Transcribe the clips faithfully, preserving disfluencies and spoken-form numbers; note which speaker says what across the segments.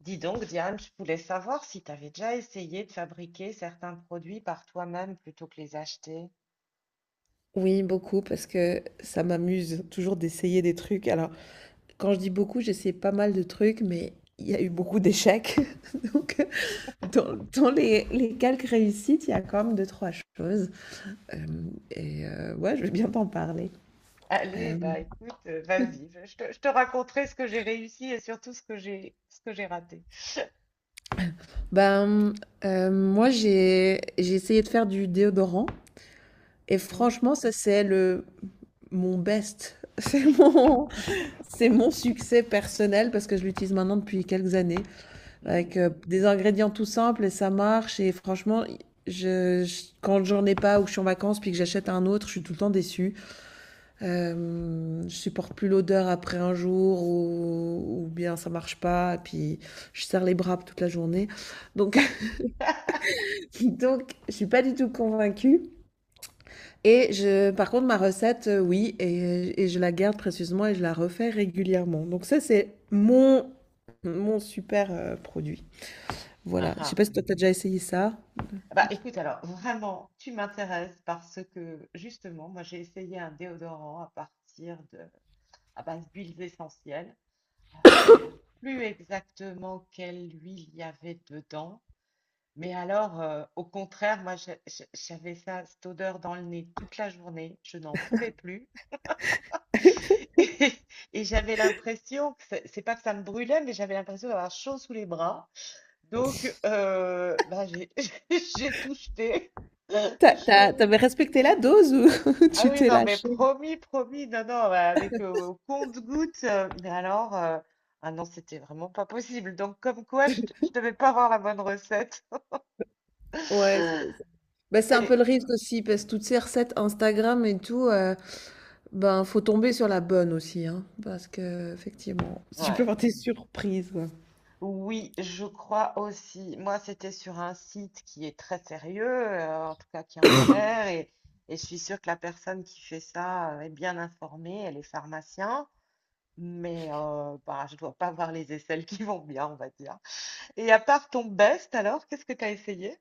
Speaker 1: Dis donc, Diane, je voulais savoir si tu avais déjà essayé de fabriquer certains produits par toi-même plutôt que les acheter.
Speaker 2: Oui, beaucoup, parce que ça m'amuse toujours d'essayer des trucs. Alors, quand je dis beaucoup, j'essaie pas mal de trucs, mais il y a eu beaucoup d'échecs. Donc, dans, dans les, les quelques réussites, il y a quand même deux, trois choses. Euh, et euh, ouais, je vais bien t'en parler.
Speaker 1: Allez,
Speaker 2: Euh,
Speaker 1: bah écoute, euh, vas-y, je je te, je te raconterai ce que j'ai réussi et surtout ce que j'ai ce que j'ai raté.
Speaker 2: ben, euh, moi, j'ai, j'ai essayé de faire du déodorant. Et
Speaker 1: Hmm,
Speaker 2: franchement, ça, c'est le, mon best. C'est mon, c'est mon succès personnel parce que je l'utilise maintenant depuis quelques années,
Speaker 1: hmm.
Speaker 2: avec euh, des ingrédients tout simples et ça marche. Et franchement, je, je- quand j'en ai pas ou que je suis en vacances puis que j'achète un autre, je suis tout le temps déçue. Euh, je supporte plus l'odeur après un jour, ou ou bien ça marche pas. Puis je serre les bras toute la journée. Donc, donc je suis pas du tout convaincue. Et je, par contre, ma recette, euh, oui, et, et je la garde précieusement et je la refais régulièrement. Donc ça, c'est mon, mon super euh, produit.
Speaker 1: Ah,
Speaker 2: Voilà. Je sais
Speaker 1: ah.
Speaker 2: pas si toi, t'as déjà essayé ça.
Speaker 1: Bah écoute, alors vraiment, tu m'intéresses parce que justement, moi j'ai essayé un déodorant à partir de à base d'huiles essentielles. Alors, je saurais plus exactement quelle huile il y avait dedans. Mais alors, heu, au contraire, moi, je je j'avais ça cette odeur dans le nez toute la journée, je n'en pouvais plus et et j'avais l'impression que c'est c'est pas que ça me brûlait, mais j'avais l'impression d'avoir chaud sous les bras. Donc heu, bah, j'ai j'ai tout jeté et je
Speaker 2: T'as-
Speaker 1: suis euh,
Speaker 2: t'as- T'avais respecté la dose ou
Speaker 1: ah
Speaker 2: tu
Speaker 1: oui,
Speaker 2: t'es
Speaker 1: non, mais
Speaker 2: lâché?
Speaker 1: promis, promis, non, non, mais avec, heu, au compte-gouttes, heu, mais alors, heu, ah non, c'était vraiment pas possible. Donc comme quoi je je devais pas avoir la bonne recette
Speaker 2: Ouais, bah, c'est un
Speaker 1: et
Speaker 2: peu le risque aussi, parce que toutes ces recettes Instagram et tout, euh, ben faut tomber sur la bonne aussi, hein, parce que effectivement. Tu peux
Speaker 1: ouais.
Speaker 2: avoir des surprises, quoi.
Speaker 1: Oui, je crois aussi. Moi, c'était sur un site qui est très sérieux, euh, en tout cas qui en a l'air, et, et je suis sûre que la personne qui fait ça euh, est bien informée, elle est pharmacien, mais euh, bah, je dois pas voir les aisselles qui vont bien, on va dire. Et à part ton best, alors, qu'est-ce que tu as essayé?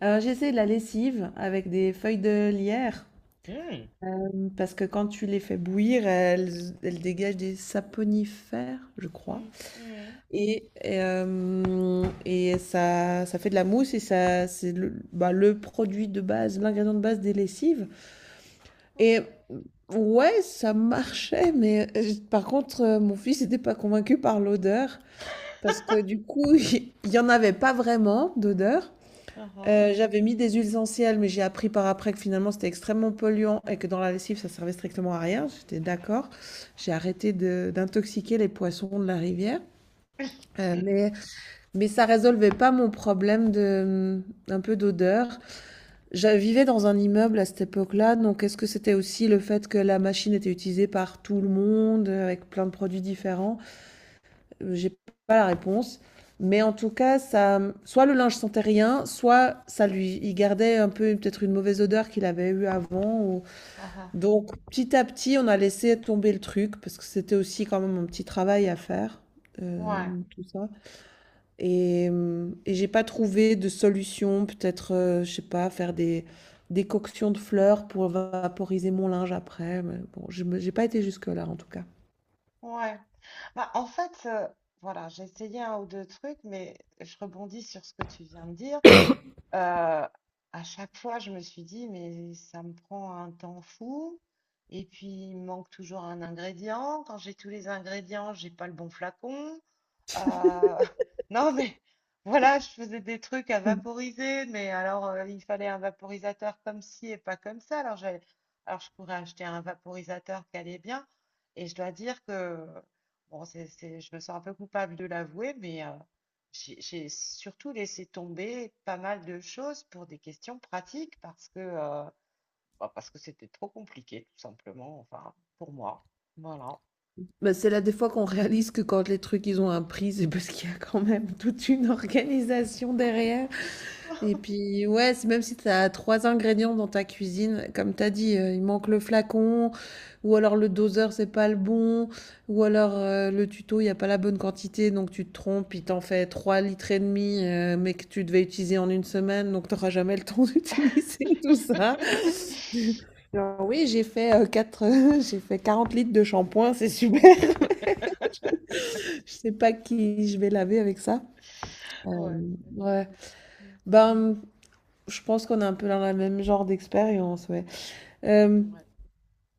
Speaker 2: Alors, j'ai essayé de la lessive avec des feuilles de lierre,
Speaker 1: Hmm,
Speaker 2: euh, parce que quand tu les fais bouillir, elles, elles dégagent des saponifères, je crois.
Speaker 1: hmm, hmm,
Speaker 2: Et, et, euh, et ça, ça fait de la mousse et ça, c'est le, bah, le produit de base, l'ingrédient de base des lessives.
Speaker 1: ok.
Speaker 2: Et ouais, ça marchait, mais euh, par contre, euh, mon fils n'était pas convaincu par l'odeur, parce que du coup, il n'y en avait pas vraiment d'odeur.
Speaker 1: Uhum.
Speaker 2: Euh, j'avais mis des huiles essentielles, mais j'ai appris par après que finalement c'était extrêmement polluant et que dans la lessive ça servait strictement à rien. J'étais d'accord. J'ai arrêté de- d'intoxiquer les poissons de la rivière. Euh, mais, mais ça résolvait pas mon problème de, hum, un peu d'odeur. Je vivais dans un immeuble à cette époque-là, donc est-ce que c'était aussi le fait que la machine était utilisée par tout le monde, euh, avec plein de produits différents? Euh, J'ai pas la réponse. Mais en tout cas, ça, soit le linge sentait rien, soit ça lui, il gardait un peu peut-être une mauvaise odeur qu'il avait eue avant, ou-
Speaker 1: Ah ah,
Speaker 2: donc petit à petit, on a laissé tomber le truc parce que c'était aussi quand même un petit travail à faire,
Speaker 1: ouais,
Speaker 2: euh, tout ça. Et, hem et j'ai pas trouvé de solution, peut-être, heu, je sais pas, faire des des coctions de fleurs pour vaporiser mon linge après, mais bon, je me j'ai pas été jusque-là, en tout cas.
Speaker 1: ouais. Bah, en fait, euh, voilà, j'ai essayé un ou deux trucs, mais je rebondis sur ce que tu viens de dire. Euh, à chaque fois, je me suis dit, mais ça me prend un temps fou. Et puis, il me manque toujours un ingrédient. Quand j'ai tous les ingrédients, j'ai pas le bon flacon. Euh, non, mais voilà, je faisais des trucs à vaporiser, mais alors euh, il fallait un vaporisateur comme ci et pas comme ça. Alors, j'allais- alors je pourrais acheter un vaporisateur qui allait bien. Et je dois dire que, bon, c'est, c'est- je me sens un peu coupable de l'avouer, mais euh, j'ai j'ai surtout laissé tomber pas mal de choses pour des questions pratiques parce que, euh, bah, parce que c'était trop compliqué, tout simplement, enfin, pour moi. Voilà.
Speaker 2: Bah, c'est là, des fois, qu'on réalise que quand les trucs, ils ont un prix, c'est parce qu'il y a quand même toute une organisation derrière. Et puis, ouais, c'est même si tu as trois ingrédients dans ta cuisine, comme tu as dit, heu, il manque le flacon ou alors le doseur, c'est pas le bon ou alors, heu, le tuto, il y a pas la bonne quantité, donc tu te trompes, il t'en fait trois litres, et heu, mais que tu devais utiliser en une semaine, donc tu auras jamais le temps d'utiliser tout ça. Genre: «Oui, j'ai fait, heu, quatre, j'ai fait quarante litres de shampoing, c'est super. Je sais pas qui je vais laver avec ça».
Speaker 1: Ouais.
Speaker 2: Hem,
Speaker 1: c'est-
Speaker 2: ouais.
Speaker 1: Mm.
Speaker 2: Ben, je pense qu'on est un peu dans le même genre d'expérience, ouais. Euh,
Speaker 1: Ouais.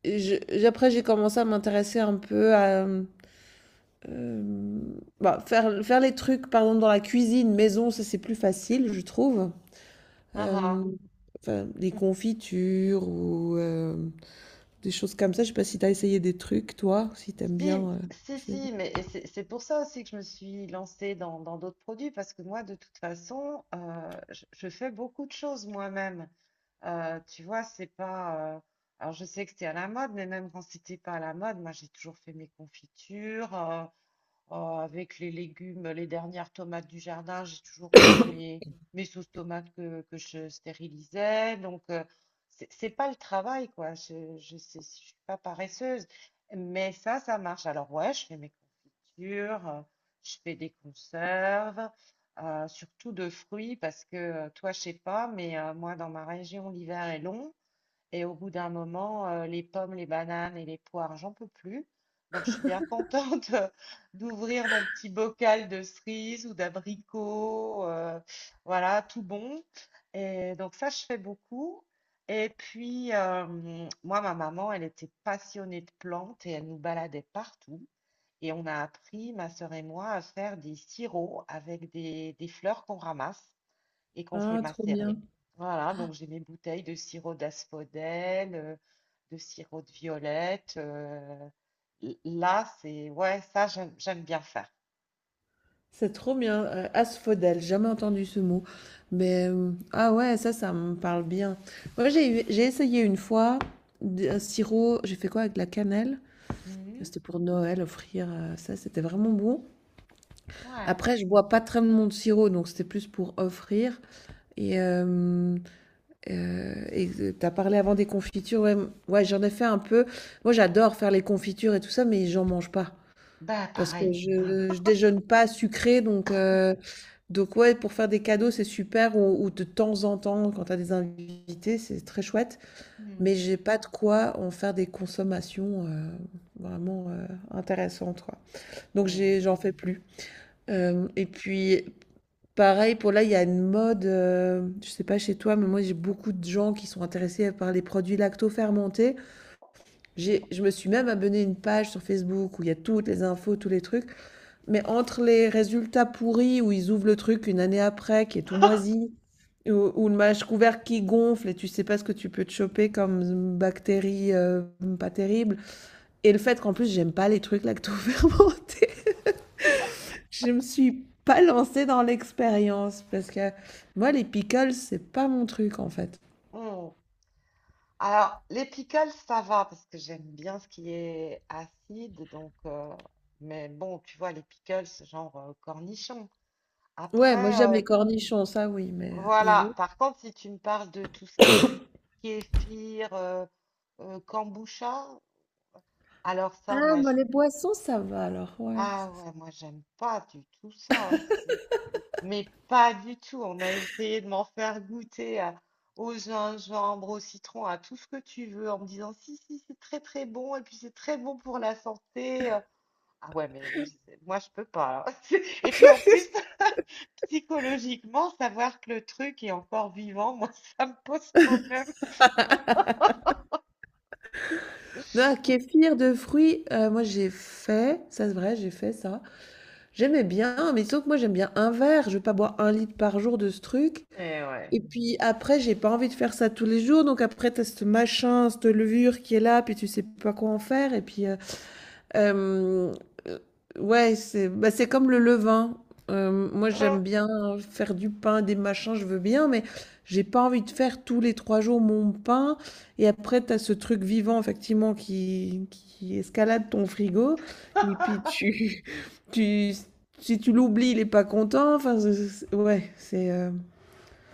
Speaker 2: je- après, j'ai commencé à m'intéresser un peu à euh, bah, faire, faire les trucs, par exemple, dans la cuisine, maison, ça c'est plus facile, je trouve.
Speaker 1: Ah
Speaker 2: Euh,
Speaker 1: ah.
Speaker 2: enfin, des confitures ou euh, des choses comme ça. Je sais pas si t'as essayé des trucs, toi, si t'aimes bien,
Speaker 1: Si,
Speaker 2: euh,
Speaker 1: si,
Speaker 2: c'est-
Speaker 1: si, mais et c'est c'est pour ça aussi que je me suis lancée dans dans d'autres produits, parce que moi, de toute façon, euh, je, je fais beaucoup de choses moi-même. Euh, tu vois, c'est pas. euh, alors, je sais que c'est à la mode, mais même quand c'était pas à la mode, moi, j'ai toujours fait mes confitures. euh, Euh, avec les légumes, les dernières tomates du jardin, j'ai toujours fait mes, mes sauces tomates que, que je stérilisais. Donc, euh, c'est c'est pas le travail, quoi. Je, je, sais- je suis pas paresseuse. Mais ça, ça marche. Alors, ouais, je fais mes confitures, euh, je fais des conserves, euh, surtout de fruits, parce que euh, toi, je sais pas, mais euh, moi, dans ma région, l'hiver est long. Et au bout d'un moment, euh, les pommes, les bananes et les poires, j'en peux plus. Donc, je suis bien contente d'ouvrir mon petit bocal de cerises ou d'abricots, euh, voilà, tout bon. Et donc, ça, je fais beaucoup. Et puis, euh, moi, ma maman, elle était passionnée de plantes et elle nous baladait partout. Et on a appris, ma sœur et moi, à faire des sirops avec des, des fleurs qu'on ramasse et qu'on fait
Speaker 2: ah, trop
Speaker 1: macérer.
Speaker 2: bien.
Speaker 1: Voilà, donc j'ai mes bouteilles de sirop d'asphodèle, euh, de sirop de violette. euh, l- là, c'est ouais, ça j'aime j'aime bien faire.
Speaker 2: C'est trop bien. Euh, asphodèle, j'ai jamais entendu ce mot. Mais euh, ah ouais, ça, ça me parle bien. Moi, j'ai eu- j'ai essayé une fois d- un sirop, j'ai fait quoi avec de la cannelle?
Speaker 1: Mhm.
Speaker 2: C'était pour Noël, offrir, heu, ça, c'était vraiment bon.
Speaker 1: Ouais,
Speaker 2: Après, je bois pas très mon de sirop, donc c'était plus pour offrir et hem, heu et tu as parlé avant des confitures, ouais, mmh, ouais, j'en ai fait un peu. Moi, j'adore faire les confitures et tout ça, mais j'en mange pas
Speaker 1: ben
Speaker 2: parce que
Speaker 1: pareil.
Speaker 2: je je déjeune pas sucré, donc heu, donc ouais, pour faire des cadeaux, c'est super ou ou de temps en temps, quand t'as des invités, c'est très chouette, mais
Speaker 1: Mhm.
Speaker 2: j'ai pas de quoi en faire des consommations, heu, vraiment, heu, intéressantes, quoi. Donc
Speaker 1: Mhm.
Speaker 2: j'ai, j'en fais plus. Euh, et puis pareil, pour là, il y a une mode, euh, je sais pas chez toi, mais moi j'ai beaucoup de gens qui sont intéressés par les produits lacto-fermentés. J'ai, je me suis même abonné à une page sur Facebook où il y a toutes les infos, tous les trucs. Mais entre les résultats pourris où ils ouvrent le truc une année après, qui est tout moisi, ou, ou le mâche couvert qui gonfle et tu sais pas ce que tu peux te choper comme bactéries euh, pas terribles. Et le fait qu'en plus j'aime pas les trucs lacto-fermentés. Je me suis pas lancée dans l'expérience parce que moi, les pickles, c'est pas mon truc en fait.
Speaker 1: Mm. Alors, les pickles, ça va parce que j'aime bien ce qui est acide, donc euh, mais bon, tu vois, les pickles, genre euh, cornichons.
Speaker 2: Ouais, moi j'aime
Speaker 1: Après, euh,
Speaker 2: les cornichons, ça oui, mais euh, les
Speaker 1: voilà.
Speaker 2: autres.
Speaker 1: Par contre, si tu me parles de tout ce qui est kéfir, euh, euh, kombucha, alors ça,
Speaker 2: Ah,
Speaker 1: moi, je...
Speaker 2: moi les boissons, ça va alors, ouais, ça,
Speaker 1: ah
Speaker 2: ça-
Speaker 1: ouais, moi, j'aime pas du tout ça. C'est... Mais pas du tout. On a essayé de m'en faire goûter à- Au gingembre, au citron, à tout ce que tu veux, en me disant si, si, c'est très, très bon, et puis c'est très bon pour la santé. euh, ah ouais, mais c'est- moi, je peux pas. Et puis en plus, psychologiquement, savoir que le truc est encore vivant, moi, ça me pose problème.
Speaker 2: non, kéfir de fruits, euh, moi j'ai fait, ça c'est vrai, j'ai fait ça. J'aimais bien, mais sauf que moi j'aime bien un verre, je vais pas boire un litre par jour de ce truc.
Speaker 1: Eh ouais.
Speaker 2: Et puis après, j'ai pas envie de faire ça tous les jours, donc après t'as ce machin, cette levure qui est là, puis tu sais pas quoi en faire, et puis euh, Hem, ouais, c'est bah, c'est comme le levain. Hem, moi,
Speaker 1: Hum,
Speaker 2: j'aime bien faire du pain, des machins, je veux bien, mais j'ai pas envie de faire tous les trois jours mon pain et après tu as ce truc vivant effectivement qui qui escalade ton frigo et puis tu tu si tu l'oublies, il est pas content, enfin, c'est c'est ouais, c'est, heu,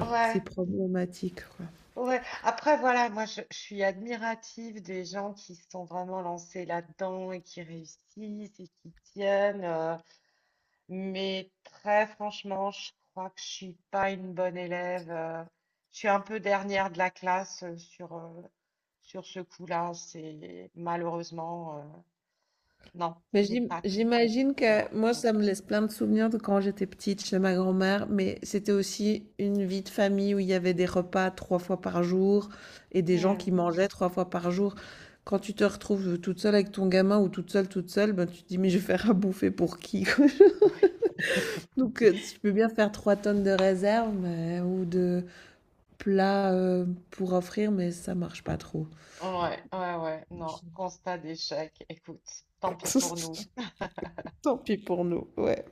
Speaker 1: ouais,
Speaker 2: c'est problématique, quoi.
Speaker 1: ouais. Après, voilà, moi, je, je suis admirative des gens qui se sont vraiment lancés là-dedans et qui réussissent et qui tiennent. euh, Mais très franchement, je crois que je suis pas une bonne élève. euh, Je suis un peu dernière de la classe euh, sur, euh, sur ce coup-là. C'est malheureusement, euh, non,
Speaker 2: Mais
Speaker 1: c'est
Speaker 2: j'im-
Speaker 1: pas trop
Speaker 2: j'imagine
Speaker 1: pour moi.
Speaker 2: que moi, ça me laisse plein de souvenirs de quand j'étais petite chez ma grand-mère, mais c'était aussi une vie de famille où il y avait des repas trois fois par jour et des gens
Speaker 1: Hmm.
Speaker 2: qui mangeaient trois fois par jour. Quand tu te retrouves toute seule avec ton gamin ou toute seule, toute seule, ben, tu te dis, mais je vais faire à bouffer pour qui, quoi? Donc, euh, si tu peux bien faire trois tonnes de réserves mais- ou de plats euh, pour offrir, mais ça marche pas trop.
Speaker 1: Ouais, ouais, ouais, non, constat d'échec. Écoute, tant pis pour nous.
Speaker 2: Tant pis pour nous, ouais.